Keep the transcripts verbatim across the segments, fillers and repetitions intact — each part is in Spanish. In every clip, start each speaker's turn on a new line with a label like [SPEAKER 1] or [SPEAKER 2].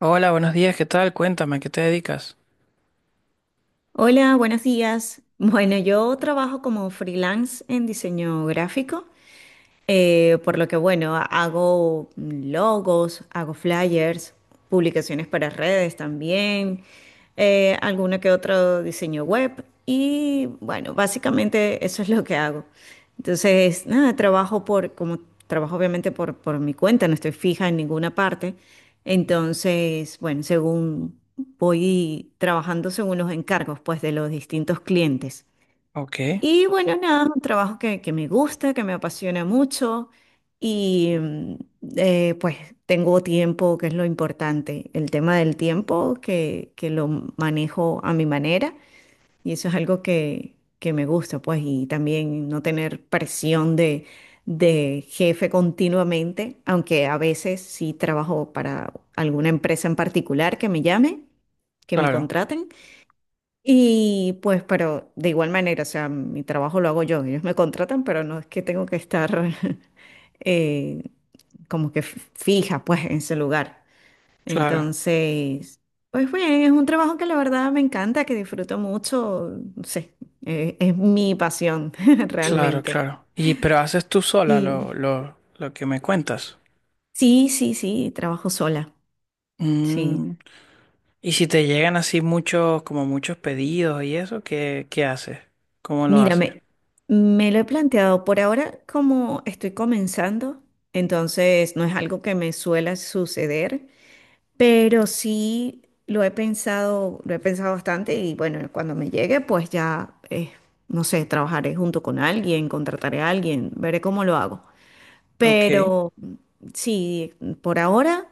[SPEAKER 1] Hola, buenos días, ¿qué tal? Cuéntame, ¿a qué te dedicas?
[SPEAKER 2] Hola, buenos días. Bueno, yo trabajo como freelance en diseño gráfico, eh, por lo que bueno, hago logos, hago flyers, publicaciones para redes también, eh, alguna que otro diseño web y bueno, básicamente eso es lo que hago. Entonces, nada, trabajo por, como trabajo obviamente por, por mi cuenta, no estoy fija en ninguna parte, entonces, bueno, según voy trabajando según los encargos, pues, de los distintos clientes.
[SPEAKER 1] Ok,
[SPEAKER 2] Y bueno, nada, es un trabajo que, que me gusta, que me apasiona mucho y mm, eh, pues tengo tiempo, que es lo importante. El tema del tiempo, que, que lo manejo a mi manera. Y eso es algo que, que me gusta, pues, y también no tener presión de, de jefe continuamente, aunque a veces sí trabajo para alguna empresa en particular que me llame, que me
[SPEAKER 1] claro,
[SPEAKER 2] contraten. Y pues, pero de igual manera, o sea, mi trabajo lo hago yo, ellos me contratan, pero no es que tengo que estar eh, como que f- fija, pues, en ese lugar.
[SPEAKER 1] claro,
[SPEAKER 2] Entonces, pues bien, es un trabajo que la verdad me encanta, que disfruto mucho, no sé, eh, es mi pasión
[SPEAKER 1] claro,
[SPEAKER 2] realmente.
[SPEAKER 1] claro. Y pero haces tú sola
[SPEAKER 2] Sí,
[SPEAKER 1] lo, lo, lo que me cuentas.
[SPEAKER 2] sí, sí, sí, trabajo sola, sí.
[SPEAKER 1] Mm, y si te llegan así muchos, como muchos pedidos y eso, ¿qué, qué haces? ¿Cómo lo haces?
[SPEAKER 2] Mírame, me lo he planteado por ahora como estoy comenzando, entonces no es algo que me suele suceder. Pero sí lo he pensado, lo he pensado bastante y bueno, cuando me llegue, pues ya, eh, no sé, trabajaré junto con alguien, contrataré a alguien, veré cómo lo hago.
[SPEAKER 1] Ok,
[SPEAKER 2] Pero sí, por ahora,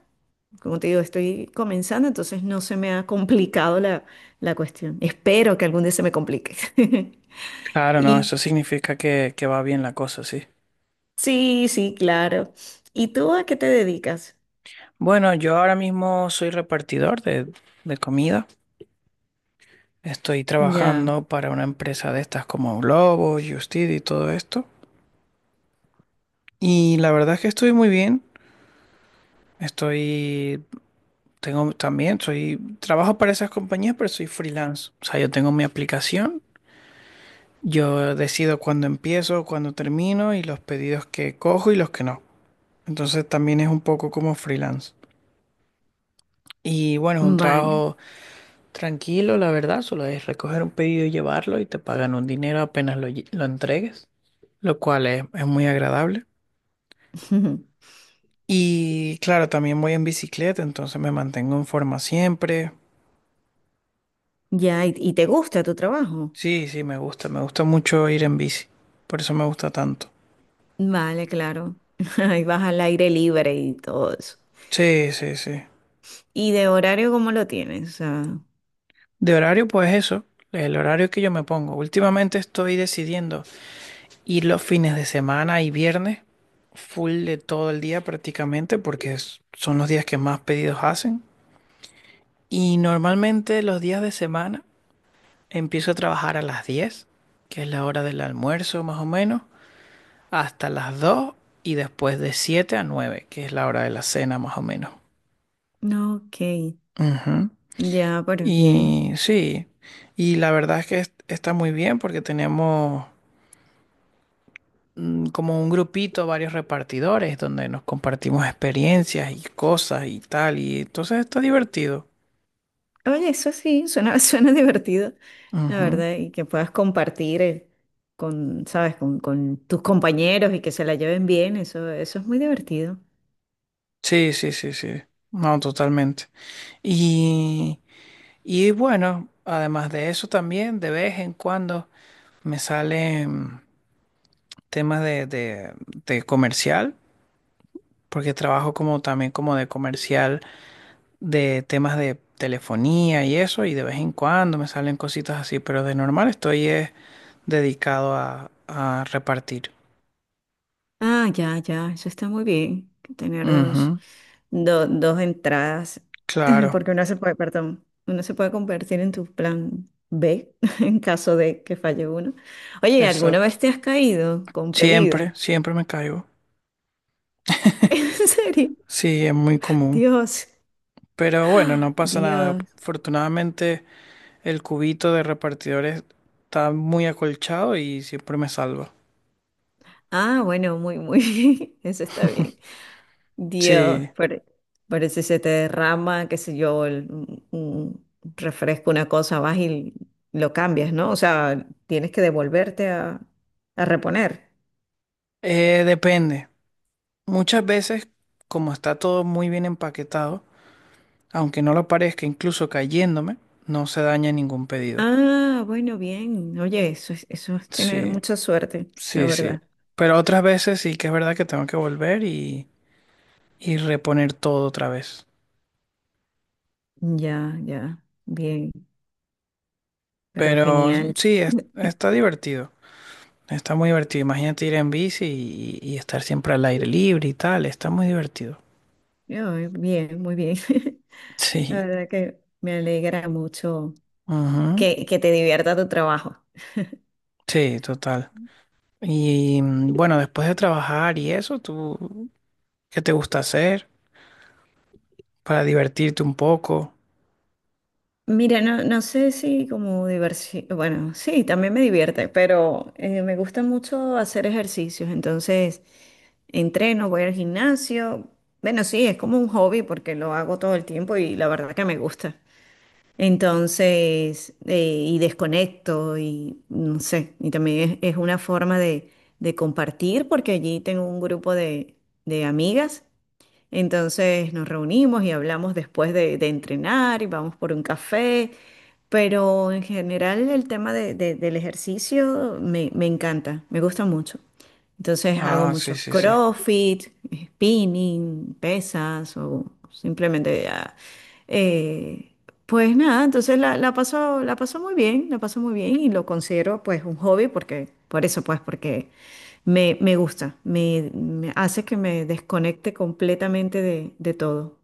[SPEAKER 2] como te digo, estoy comenzando, entonces no se me ha complicado la, la cuestión. Espero que algún día se me complique.
[SPEAKER 1] claro, no,
[SPEAKER 2] Y
[SPEAKER 1] eso significa que, que va bien la cosa, sí.
[SPEAKER 2] sí, sí, claro. ¿Y tú a qué te dedicas?
[SPEAKER 1] Bueno, yo ahora mismo soy repartidor de, de comida. Estoy
[SPEAKER 2] Ya,
[SPEAKER 1] trabajando para una empresa de estas como Globo, Justit y todo esto. Y la verdad es que estoy muy bien. Estoy, tengo también, soy, trabajo para esas compañías, pero soy freelance. O sea, yo tengo mi aplicación, yo decido cuándo empiezo, cuándo termino y los pedidos que cojo y los que no. Entonces también es un poco como freelance. Y bueno, es un
[SPEAKER 2] vale.
[SPEAKER 1] trabajo tranquilo, la verdad, solo es recoger un pedido y llevarlo y te pagan un dinero apenas lo, lle- lo entregues, lo cual es, es muy agradable. Y claro, también voy en bicicleta, entonces me mantengo en forma siempre.
[SPEAKER 2] Ya, ¿y y te gusta tu trabajo?
[SPEAKER 1] Sí, sí, me gusta, me gusta mucho ir en bici, por eso me gusta tanto.
[SPEAKER 2] Vale, claro. Ahí vas al aire libre y todo eso.
[SPEAKER 1] Sí, sí, sí.
[SPEAKER 2] ¿Y de horario cómo lo tienes? Ah,
[SPEAKER 1] De horario, pues eso, el horario que yo me pongo. Últimamente estoy decidiendo ir los fines de semana y viernes, full de todo el día prácticamente, porque es- son los días que más pedidos hacen. Y normalmente los días de semana empiezo a trabajar a las diez, que es la hora del almuerzo más o menos, hasta las dos y después de siete a nueve, que es la hora de la cena más o menos.
[SPEAKER 2] no, ok,
[SPEAKER 1] Ujú.
[SPEAKER 2] ya, pero bien.
[SPEAKER 1] Y sí, y la verdad es que est- está muy bien porque tenemos mm, como un grupito, varios repartidores donde nos compartimos experiencias y cosas y tal, y entonces está divertido.
[SPEAKER 2] Oye, eso sí, suena, suena divertido, la
[SPEAKER 1] Ujú.
[SPEAKER 2] verdad, y que puedas compartir eh, con, ¿sabes? Con, con tus compañeros y que se la lleven bien, eso, eso es muy divertido.
[SPEAKER 1] Sí, sí, sí, sí. No, totalmente. Y, y bueno, además de eso también, de vez en cuando me salen temas de, de, de comercial, porque trabajo como también como de comercial de temas de telefonía y eso, y de vez en cuando me salen cositas así, pero de normal estoy eh, dedicado a, a repartir.
[SPEAKER 2] Ah, ya, ya, eso está muy bien, que tener dos,
[SPEAKER 1] Ujú,
[SPEAKER 2] do- dos entradas,
[SPEAKER 1] claro,
[SPEAKER 2] porque uno se puede, perdón, uno se puede convertir en tu plan B en caso de que falle uno. Oye, ¿alguna vez
[SPEAKER 1] exacto.
[SPEAKER 2] te has caído con pedido?
[SPEAKER 1] Siempre, siempre me caigo.
[SPEAKER 2] ¿En serio?
[SPEAKER 1] Sí, es muy común.
[SPEAKER 2] Dios,
[SPEAKER 1] Pero bueno, no pasa nada.
[SPEAKER 2] Dios.
[SPEAKER 1] Afortunadamente el cubito de repartidores está muy acolchado y siempre me salva.
[SPEAKER 2] Ah, bueno, muy, muy bien, eso está bien. Dios,
[SPEAKER 1] Sí,
[SPEAKER 2] por- parece se te derrama, qué sé yo, el- un, un refresco, una cosa, vas y lo cambias, ¿no? O sea, tienes que devolverte a, a reponer.
[SPEAKER 1] eh, depende. Muchas veces, como está todo muy bien empaquetado, aunque no lo parezca, incluso cayéndome, no se daña ningún pedido.
[SPEAKER 2] Ah, bueno, bien. Oye, eso es, eso es tener
[SPEAKER 1] Sí,
[SPEAKER 2] mucha suerte, la
[SPEAKER 1] sí, sí.
[SPEAKER 2] verdad.
[SPEAKER 1] Pero otras veces sí que es verdad que tengo que volver y, y reponer todo otra vez.
[SPEAKER 2] Ya, ya, bien, pero
[SPEAKER 1] Pero
[SPEAKER 2] genial.
[SPEAKER 1] sí, es- está divertido. Está muy divertido. Imagínate ir en bici y, y estar siempre al aire libre y tal. Está muy divertido.
[SPEAKER 2] Ay, bien, muy bien. La
[SPEAKER 1] Sí.
[SPEAKER 2] verdad que me alegra mucho
[SPEAKER 1] Ujú.
[SPEAKER 2] que, que te divierta tu trabajo.
[SPEAKER 1] Sí, total. Y mm, bueno, después de trabajar y eso, ¿tú qué te gusta hacer para divertirte un poco?
[SPEAKER 2] Mira, no, no sé si como diversión, bueno, sí, también me divierte, pero eh, me gusta mucho hacer ejercicios, entonces entreno, voy al gimnasio, bueno, sí, es como un hobby porque lo hago todo el tiempo y la verdad que me gusta. Entonces, eh, y desconecto y no sé, y también es, es una forma de, de compartir porque allí tengo un grupo de, de amigas, entonces nos reunimos y hablamos después de, de entrenar y vamos por un café, pero en general el tema de- de- del ejercicio me, me encanta, me gusta mucho. Entonces hago
[SPEAKER 1] Ah, sí,
[SPEAKER 2] muchos
[SPEAKER 1] sí, sí.
[SPEAKER 2] CrossFit, spinning, pesas o simplemente ah, eh, pues nada, entonces la, la paso, la paso muy bien, la paso muy bien y lo considero pues un hobby porque, por eso pues, porque me, me gusta, me, me hace que me desconecte completamente de, de todo.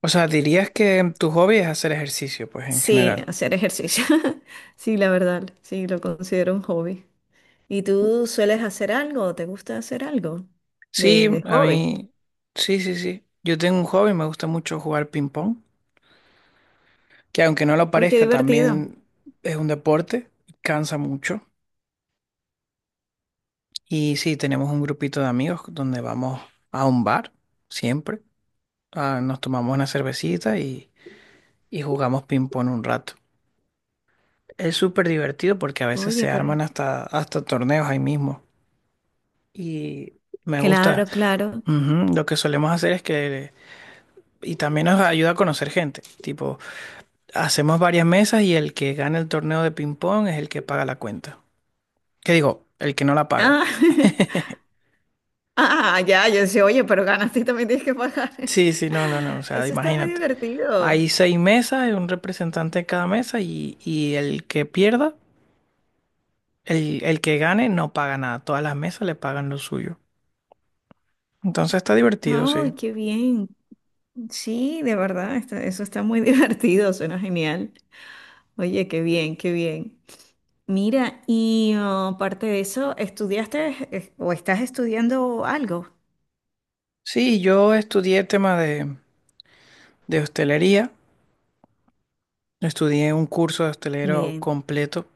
[SPEAKER 1] O sea, dirías que tu hobby es hacer ejercicio, pues en
[SPEAKER 2] Sí,
[SPEAKER 1] general.
[SPEAKER 2] hacer ejercicio. Sí, la verdad, sí, lo considero un hobby. ¿Y tú sueles hacer algo? ¿Te gusta hacer algo
[SPEAKER 1] Sí,
[SPEAKER 2] de, de
[SPEAKER 1] a
[SPEAKER 2] hobby?
[SPEAKER 1] mí, sí, sí, sí. Yo tengo un hobby, me gusta mucho jugar ping pong, que aunque no lo
[SPEAKER 2] Oye, qué
[SPEAKER 1] parezca,
[SPEAKER 2] divertido.
[SPEAKER 1] también es un deporte, cansa mucho. Y sí, tenemos un grupito de amigos donde vamos a un bar, siempre. Ah, nos tomamos una cervecita y, y jugamos ping pong un rato. Es súper divertido porque a veces
[SPEAKER 2] Oye,
[SPEAKER 1] se
[SPEAKER 2] pero...
[SPEAKER 1] arman hasta, hasta torneos ahí mismo. Y me gusta.
[SPEAKER 2] Claro, claro.
[SPEAKER 1] Ujú. Lo que solemos hacer es que. Y también nos ayuda a conocer gente. Tipo, hacemos varias mesas y el que gana el torneo de ping-pong es el que paga la cuenta. ¿Qué digo? El que no la paga.
[SPEAKER 2] Ah, ah, ya, yo decía, oye, pero ganas, tú también tienes que pagar.
[SPEAKER 1] Sí, sí, no, no, no. O sea,
[SPEAKER 2] Eso está muy
[SPEAKER 1] imagínate.
[SPEAKER 2] divertido.
[SPEAKER 1] Hay seis mesas, un representante de cada mesa y, y el que pierda, el, el que gane, no paga nada. Todas las mesas le pagan lo suyo. Entonces está divertido,
[SPEAKER 2] Ay,
[SPEAKER 1] sí.
[SPEAKER 2] qué bien. Sí, de verdad, está- eso está muy divertido, suena genial. Oye, qué bien, qué bien. Mira, y oh, aparte de eso, ¿estudiaste eh, o estás estudiando algo?
[SPEAKER 1] Sí, yo estudié tema de, de hostelería. Estudié un curso de hostelero
[SPEAKER 2] Bien.
[SPEAKER 1] completo,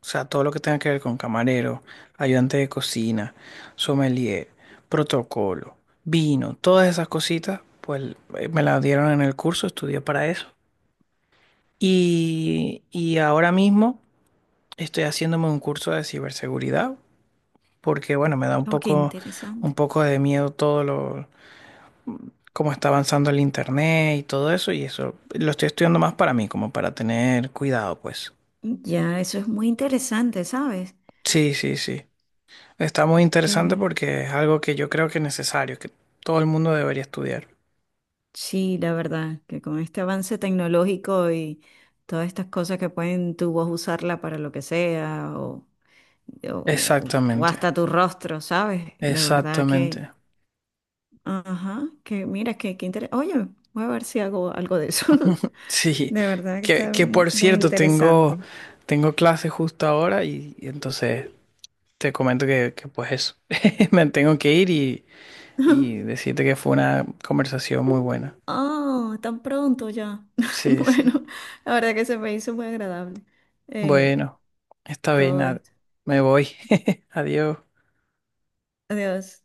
[SPEAKER 1] o sea, todo lo que tenga que ver con camarero, ayudante de cocina, sommelier, protocolo, vino, todas esas cositas, pues eh, me las dieron en el curso, estudié para eso. Y, y ahora mismo estoy haciéndome un curso de ciberseguridad, porque bueno, me da un
[SPEAKER 2] Oh, qué
[SPEAKER 1] poco, un
[SPEAKER 2] interesante.
[SPEAKER 1] poco de miedo todo lo, cómo está avanzando el internet y todo eso, y eso lo estoy estudiando más para mí, como para tener cuidado, pues.
[SPEAKER 2] Ya, eso es muy interesante, ¿sabes?
[SPEAKER 1] Sí, sí, sí. Está muy
[SPEAKER 2] Qué
[SPEAKER 1] interesante
[SPEAKER 2] bien.
[SPEAKER 1] porque es algo que yo creo que es necesario, que todo el mundo debería estudiar.
[SPEAKER 2] Sí, la verdad, que con este avance tecnológico y todas estas cosas que pueden tu voz usarla para lo que sea o, o- o-
[SPEAKER 1] Exactamente,
[SPEAKER 2] hasta tu rostro, ¿sabes? De verdad que,
[SPEAKER 1] exactamente.
[SPEAKER 2] ajá, que mira, que, que interesante. Oye, voy a ver si hago algo de eso.
[SPEAKER 1] Sí,
[SPEAKER 2] De verdad que
[SPEAKER 1] que,
[SPEAKER 2] está
[SPEAKER 1] que
[SPEAKER 2] mu-
[SPEAKER 1] por
[SPEAKER 2] muy
[SPEAKER 1] cierto, tengo,
[SPEAKER 2] interesante.
[SPEAKER 1] tengo clase justo ahora y, y entonces te comento que, que pues eso, me tengo que ir y, y decirte que fue una conversación muy buena.
[SPEAKER 2] Ah, tan pronto ya.
[SPEAKER 1] Sí, sí.
[SPEAKER 2] Bueno, la verdad que se me hizo muy agradable eh,
[SPEAKER 1] Bueno, está bien,
[SPEAKER 2] todo
[SPEAKER 1] nada,
[SPEAKER 2] esto.
[SPEAKER 1] me voy. Adiós.
[SPEAKER 2] Adiós.